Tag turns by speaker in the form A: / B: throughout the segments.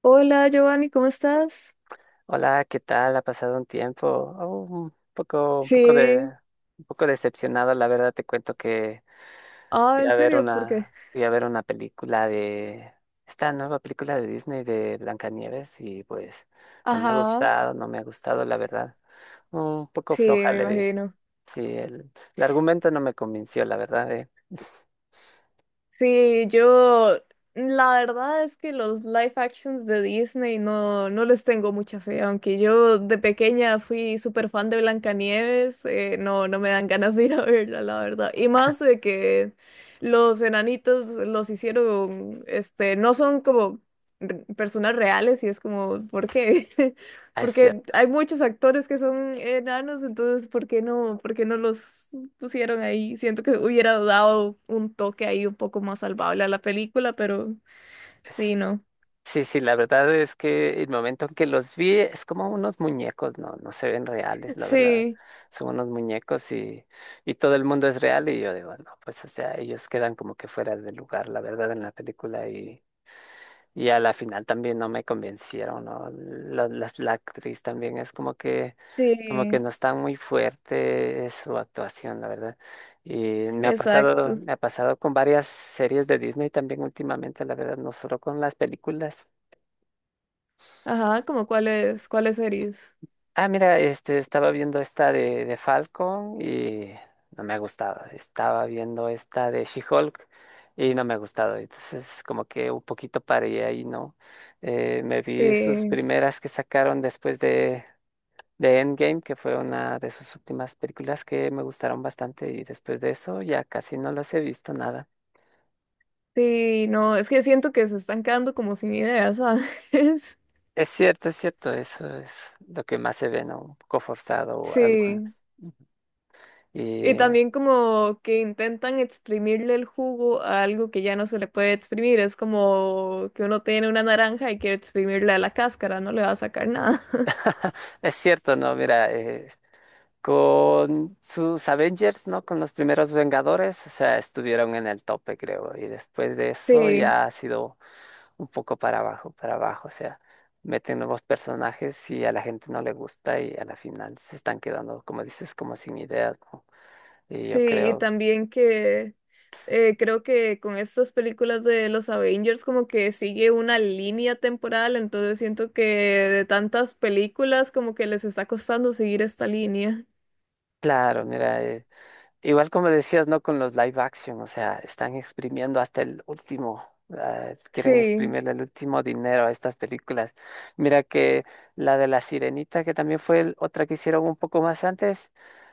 A: Hola Giovanni, ¿cómo estás?
B: Hola, ¿qué tal? Ha pasado un tiempo. Oh,
A: Sí.
B: un poco decepcionado, la verdad. Te cuento que
A: Ah, ¿en serio? ¿Por qué?
B: fui a ver una película de esta nueva película de Disney de Blancanieves y pues
A: Ajá,
B: no me ha gustado, la verdad. Un poco
A: sí,
B: floja
A: me
B: le vi.
A: imagino.
B: Sí, el argumento no me convenció, la verdad.
A: Sí, yo la verdad es que los live actions de Disney no les tengo mucha fe, aunque yo de pequeña fui súper fan de Blancanieves, no me dan ganas de ir a verla, la verdad. Y más de que los enanitos los hicieron, no son como personas reales y es como, ¿por qué?
B: Ah, es
A: Porque
B: cierto.
A: hay muchos actores que son enanos, entonces, ¿por qué no los pusieron ahí? Siento que hubiera dado un toque ahí un poco más salvable a la película, pero sí, no.
B: Sí, sí, la verdad es que el momento en que los vi es como unos muñecos, no, no se ven reales, la verdad.
A: Sí,
B: Son unos muñecos y todo el mundo es real y yo digo, no, pues o sea, ellos quedan como que fuera de lugar, la verdad, en la película y a la final también no me convencieron, ¿no? La actriz también es como que
A: sí,
B: no está muy fuerte su actuación, la verdad.
A: exacto.
B: Me ha pasado con varias series de Disney también últimamente, la verdad, no solo con las películas.
A: Ajá, ¿como cuáles, cuáles series?
B: Ah, mira, estaba viendo esta de Falcon y no me ha gustado. Estaba viendo esta de She-Hulk y no me ha gustado. Entonces, como que un poquito paré ahí, ¿no? Me vi sus
A: Sí,
B: primeras que sacaron después de Endgame, que fue una de sus últimas películas que me gustaron bastante y después de eso ya casi no los he visto nada.
A: sí, no, es que siento que se están quedando como sin ideas, ¿sabes?
B: Es cierto, eso es lo que más se ve, ¿no? Un poco forzado
A: Sí.
B: algunos.
A: Y
B: Y
A: también como que intentan exprimirle el jugo a algo que ya no se le puede exprimir. Es como que uno tiene una naranja y quiere exprimirle a la cáscara, no le va a sacar nada.
B: es cierto, ¿no? Mira, con sus Avengers, ¿no? Con los primeros Vengadores, o sea, estuvieron en el tope, creo. Y después de eso
A: Sí.
B: ya ha sido un poco para abajo, para abajo. O sea, meten nuevos personajes y a la gente no le gusta y a la final se están quedando, como dices, como sin ideas, ¿no? Y yo
A: Sí, y
B: creo,
A: también que creo que con estas películas de los Avengers como que sigue una línea temporal, entonces siento que de tantas películas como que les está costando seguir esta línea.
B: claro, mira. Igual como decías, ¿no? Con los live action, o sea, están exprimiendo hasta el último, ah, quieren
A: Sí,
B: exprimirle el último dinero a estas películas. Mira que la de La Sirenita, que también fue otra que hicieron un poco más antes,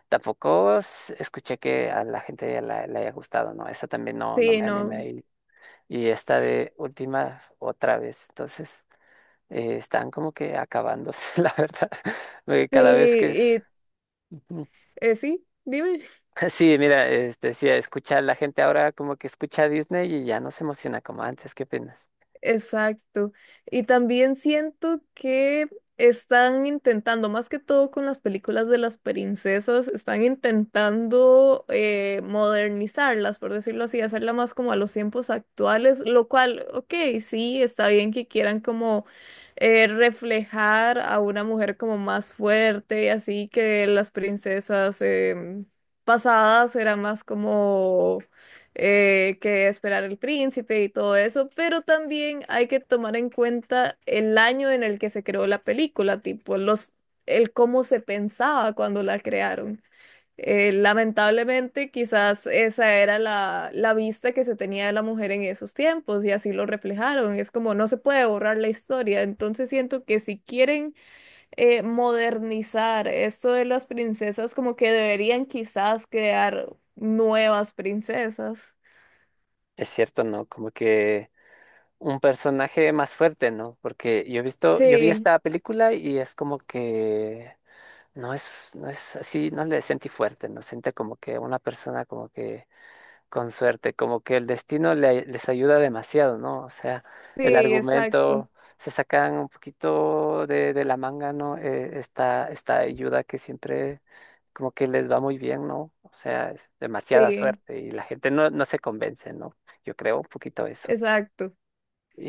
B: tampoco escuché que a la gente ya le haya gustado, ¿no? Esa también no, no
A: sí,
B: me animé
A: no.
B: y esta de última otra vez. Entonces, están como que acabándose, la verdad, porque
A: Sí,
B: cada vez que...
A: y sí, dime.
B: Sí, mira, sí, escucha, la gente ahora como que escucha a Disney y ya no se emociona como antes, ¿qué opinas?
A: Exacto. Y también siento que están intentando, más que todo con las películas de las princesas, están intentando modernizarlas, por decirlo así, hacerla más como a los tiempos actuales, lo cual, ok, sí, está bien que quieran como reflejar a una mujer como más fuerte, así que las princesas pasadas eran más como que esperar el príncipe y todo eso, pero también hay que tomar en cuenta el año en el que se creó la película, tipo los, el cómo se pensaba cuando la crearon. Lamentablemente, quizás esa era la vista que se tenía de la mujer en esos tiempos y así lo reflejaron. Es como no se puede borrar la historia. Entonces siento que si quieren modernizar esto de las princesas, como que deberían quizás crear nuevas princesas.
B: Es cierto, ¿no? Como que un personaje más fuerte, ¿no? Porque yo he visto, yo vi
A: Sí,
B: esta película y es como que no es, no es así, no le sentí fuerte, ¿no? Sentí como que una persona como que con suerte, como que el destino les ayuda demasiado, ¿no? O sea, el
A: sí, exacto,
B: argumento se sacan un poquito de la manga, ¿no? Esta ayuda que siempre como que les va muy bien, ¿no? O sea, es demasiada
A: sí,
B: suerte y la gente no, no se convence, ¿no? Yo creo un poquito eso.
A: exacto.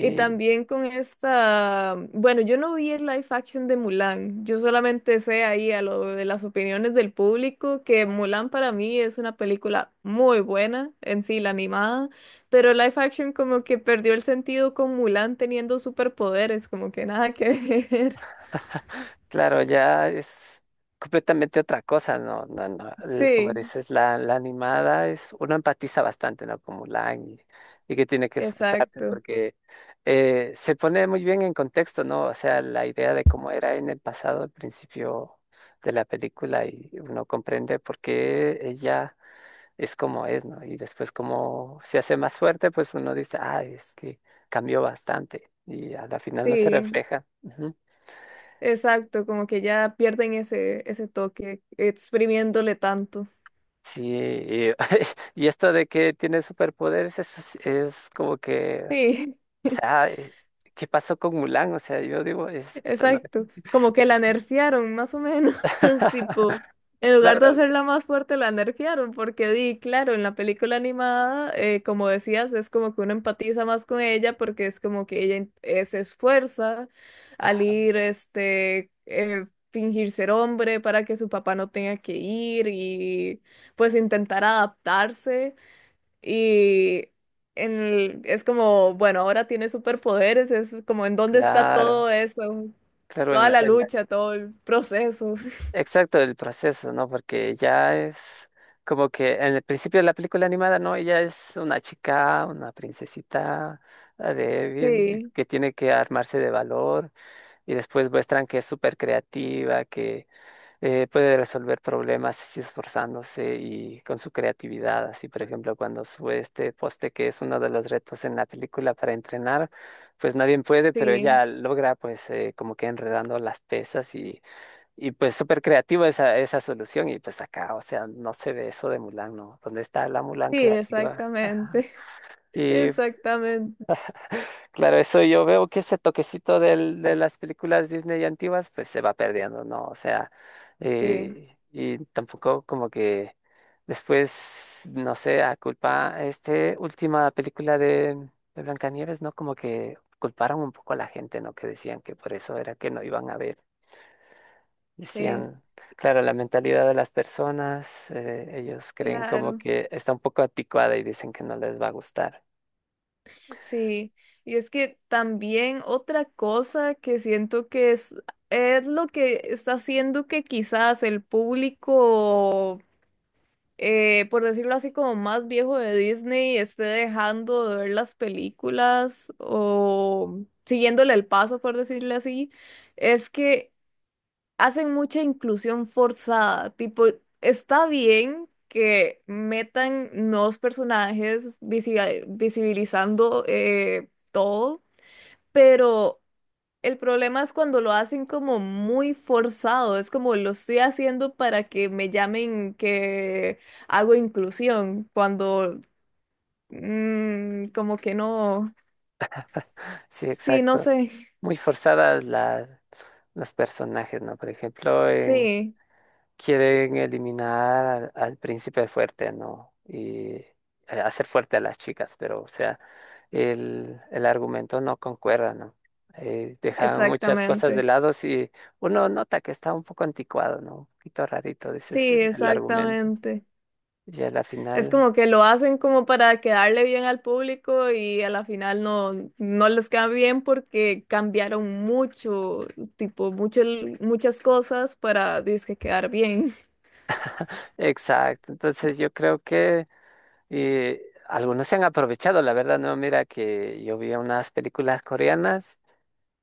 A: Y también con esta, bueno, yo no vi el live action de Mulan, yo solamente sé ahí a lo de las opiniones del público que Mulan para mí es una película muy buena en sí, la animada, pero el live action como que perdió el sentido con Mulan teniendo superpoderes, como que nada que ver.
B: Claro, ya es completamente otra cosa, ¿no? No, no, como
A: Sí,
B: dices, la animada es, uno empatiza bastante, ¿no? Como Mulan y que tiene que esforzarse
A: exacto,
B: porque se pone muy bien en contexto, ¿no? O sea, la idea de cómo era en el pasado, al principio de la película y uno comprende por qué ella es como es, ¿no? Y después como se hace más fuerte, pues uno dice, ah, es que cambió bastante y a la final no se
A: sí,
B: refleja.
A: exacto, como que ya pierden ese, ese toque exprimiéndole tanto.
B: Sí, y, y esto de que tiene superpoderes eso es como que,
A: Sí,
B: o sea, ¿qué pasó con Mulan? O sea, yo digo, es, esta no.
A: exacto. Como que la nerfearon, más o menos. Tipo, en lugar de
B: Claro,
A: hacerla más fuerte, la nerfearon. Porque di, claro, en la película animada, como decías, es como que uno empatiza más con ella porque es como que ella se esfuerza al ir, fingir ser hombre para que su papá no tenga que ir y pues intentar adaptarse. Y en el- es como, bueno, ahora tiene superpoderes, es como en dónde está
B: claro,
A: todo eso,
B: claro, en
A: toda la lucha, todo el proceso.
B: exacto el proceso, ¿no? Porque ya es como que en el principio de la película animada, ¿no? Ella es una chica, una princesita ah, débil,
A: Sí,
B: que tiene que armarse de valor y después muestran que es súper creativa, puede resolver problemas así esforzándose y con su creatividad. Así, por ejemplo, cuando sube este poste, que es uno de los retos en la película para entrenar, pues nadie puede, pero
A: sí,
B: ella logra, pues, como que enredando las pesas y pues súper creativa esa, esa solución. Y pues acá, o sea, no se ve eso de Mulan, ¿no? ¿Dónde está la Mulan
A: sí,
B: creativa? Ajá.
A: exactamente,
B: Y
A: exactamente,
B: claro, eso yo veo que ese toquecito de las películas Disney antiguas pues se va perdiendo, ¿no? O sea,
A: sí,
B: y tampoco como que después, no sé, a culpa, este última película de Blancanieves, ¿no? Como que culparon un poco a la gente, ¿no? Que decían que por eso era que no iban a ver.
A: sí,
B: Decían, claro, la mentalidad de las personas, ellos creen como
A: claro,
B: que está un poco anticuada y dicen que no les va a gustar.
A: sí. Y es que también otra cosa que siento que es lo que está haciendo que quizás el público por decirlo así, como más viejo de Disney, esté dejando de ver las películas o siguiéndole el paso, por decirlo así, es que hacen mucha inclusión forzada. Tipo, está bien que metan nuevos personajes visibilizando todo, pero... El problema es cuando lo hacen como muy forzado, es como lo estoy haciendo para que me llamen que hago inclusión, cuando como que no,
B: Sí,
A: sí, no
B: exacto.
A: sé,
B: Muy forzadas las los personajes, ¿no? Por ejemplo,
A: sí,
B: quieren eliminar al príncipe fuerte, ¿no? Y hacer fuerte a las chicas, pero, o sea, el argumento no concuerda, ¿no? Dejan muchas cosas de
A: exactamente,
B: lado y uno nota que está un poco anticuado, ¿no? Un poquito rarito, dices,
A: sí,
B: el argumento.
A: exactamente.
B: Y a la
A: Es
B: final,
A: como que lo hacen como para quedarle bien al público y a la final no, no les queda bien porque cambiaron mucho, tipo, mucho, muchas cosas para, dizque, quedar bien.
B: exacto. Entonces yo creo que eh, algunos se han aprovechado, la verdad, ¿no? Mira que yo vi unas películas coreanas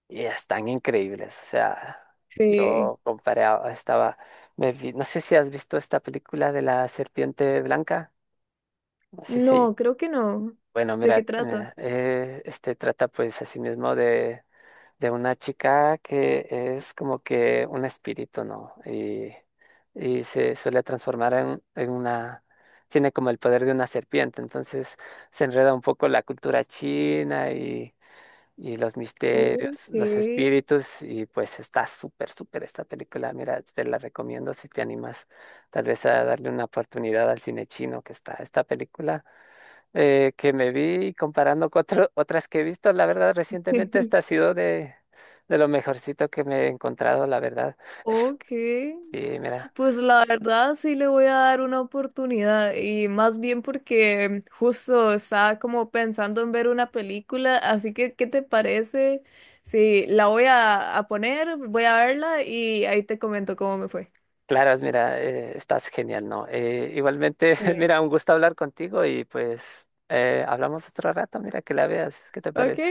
B: y están increíbles. O sea,
A: Sí.
B: yo comparé, no sé si has visto esta película de la serpiente blanca. Así se,
A: No, creo que no.
B: bueno,
A: ¿De
B: mira,
A: qué trata?
B: mira, este trata pues así mismo de una chica que es como que un espíritu, ¿no? Y se suele transformar en una, tiene como el poder de una serpiente. Entonces se enreda un poco la cultura china y los misterios,
A: Ok.
B: los espíritus, y pues está súper, súper esta película. Mira, te la recomiendo si te animas tal vez a darle una oportunidad al cine chino que está esta película que me vi comparando con otras que he visto. La verdad, recientemente esta ha sido de lo mejorcito que me he encontrado, la verdad.
A: Ok.
B: Sí, mira.
A: Pues la verdad sí le voy a dar una oportunidad y más bien porque justo estaba como pensando en ver una película, así que ¿qué te parece? Sí, la voy a poner, voy a verla y ahí te comento cómo me fue.
B: Claro, mira, estás genial, ¿no? Igualmente,
A: Sí.
B: mira, un gusto hablar contigo y pues hablamos otro rato, mira, que la veas, ¿qué te
A: Ok,
B: parece?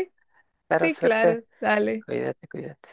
B: Claro,
A: sí,
B: suerte.
A: claro, dale.
B: Cuídate, cuídate.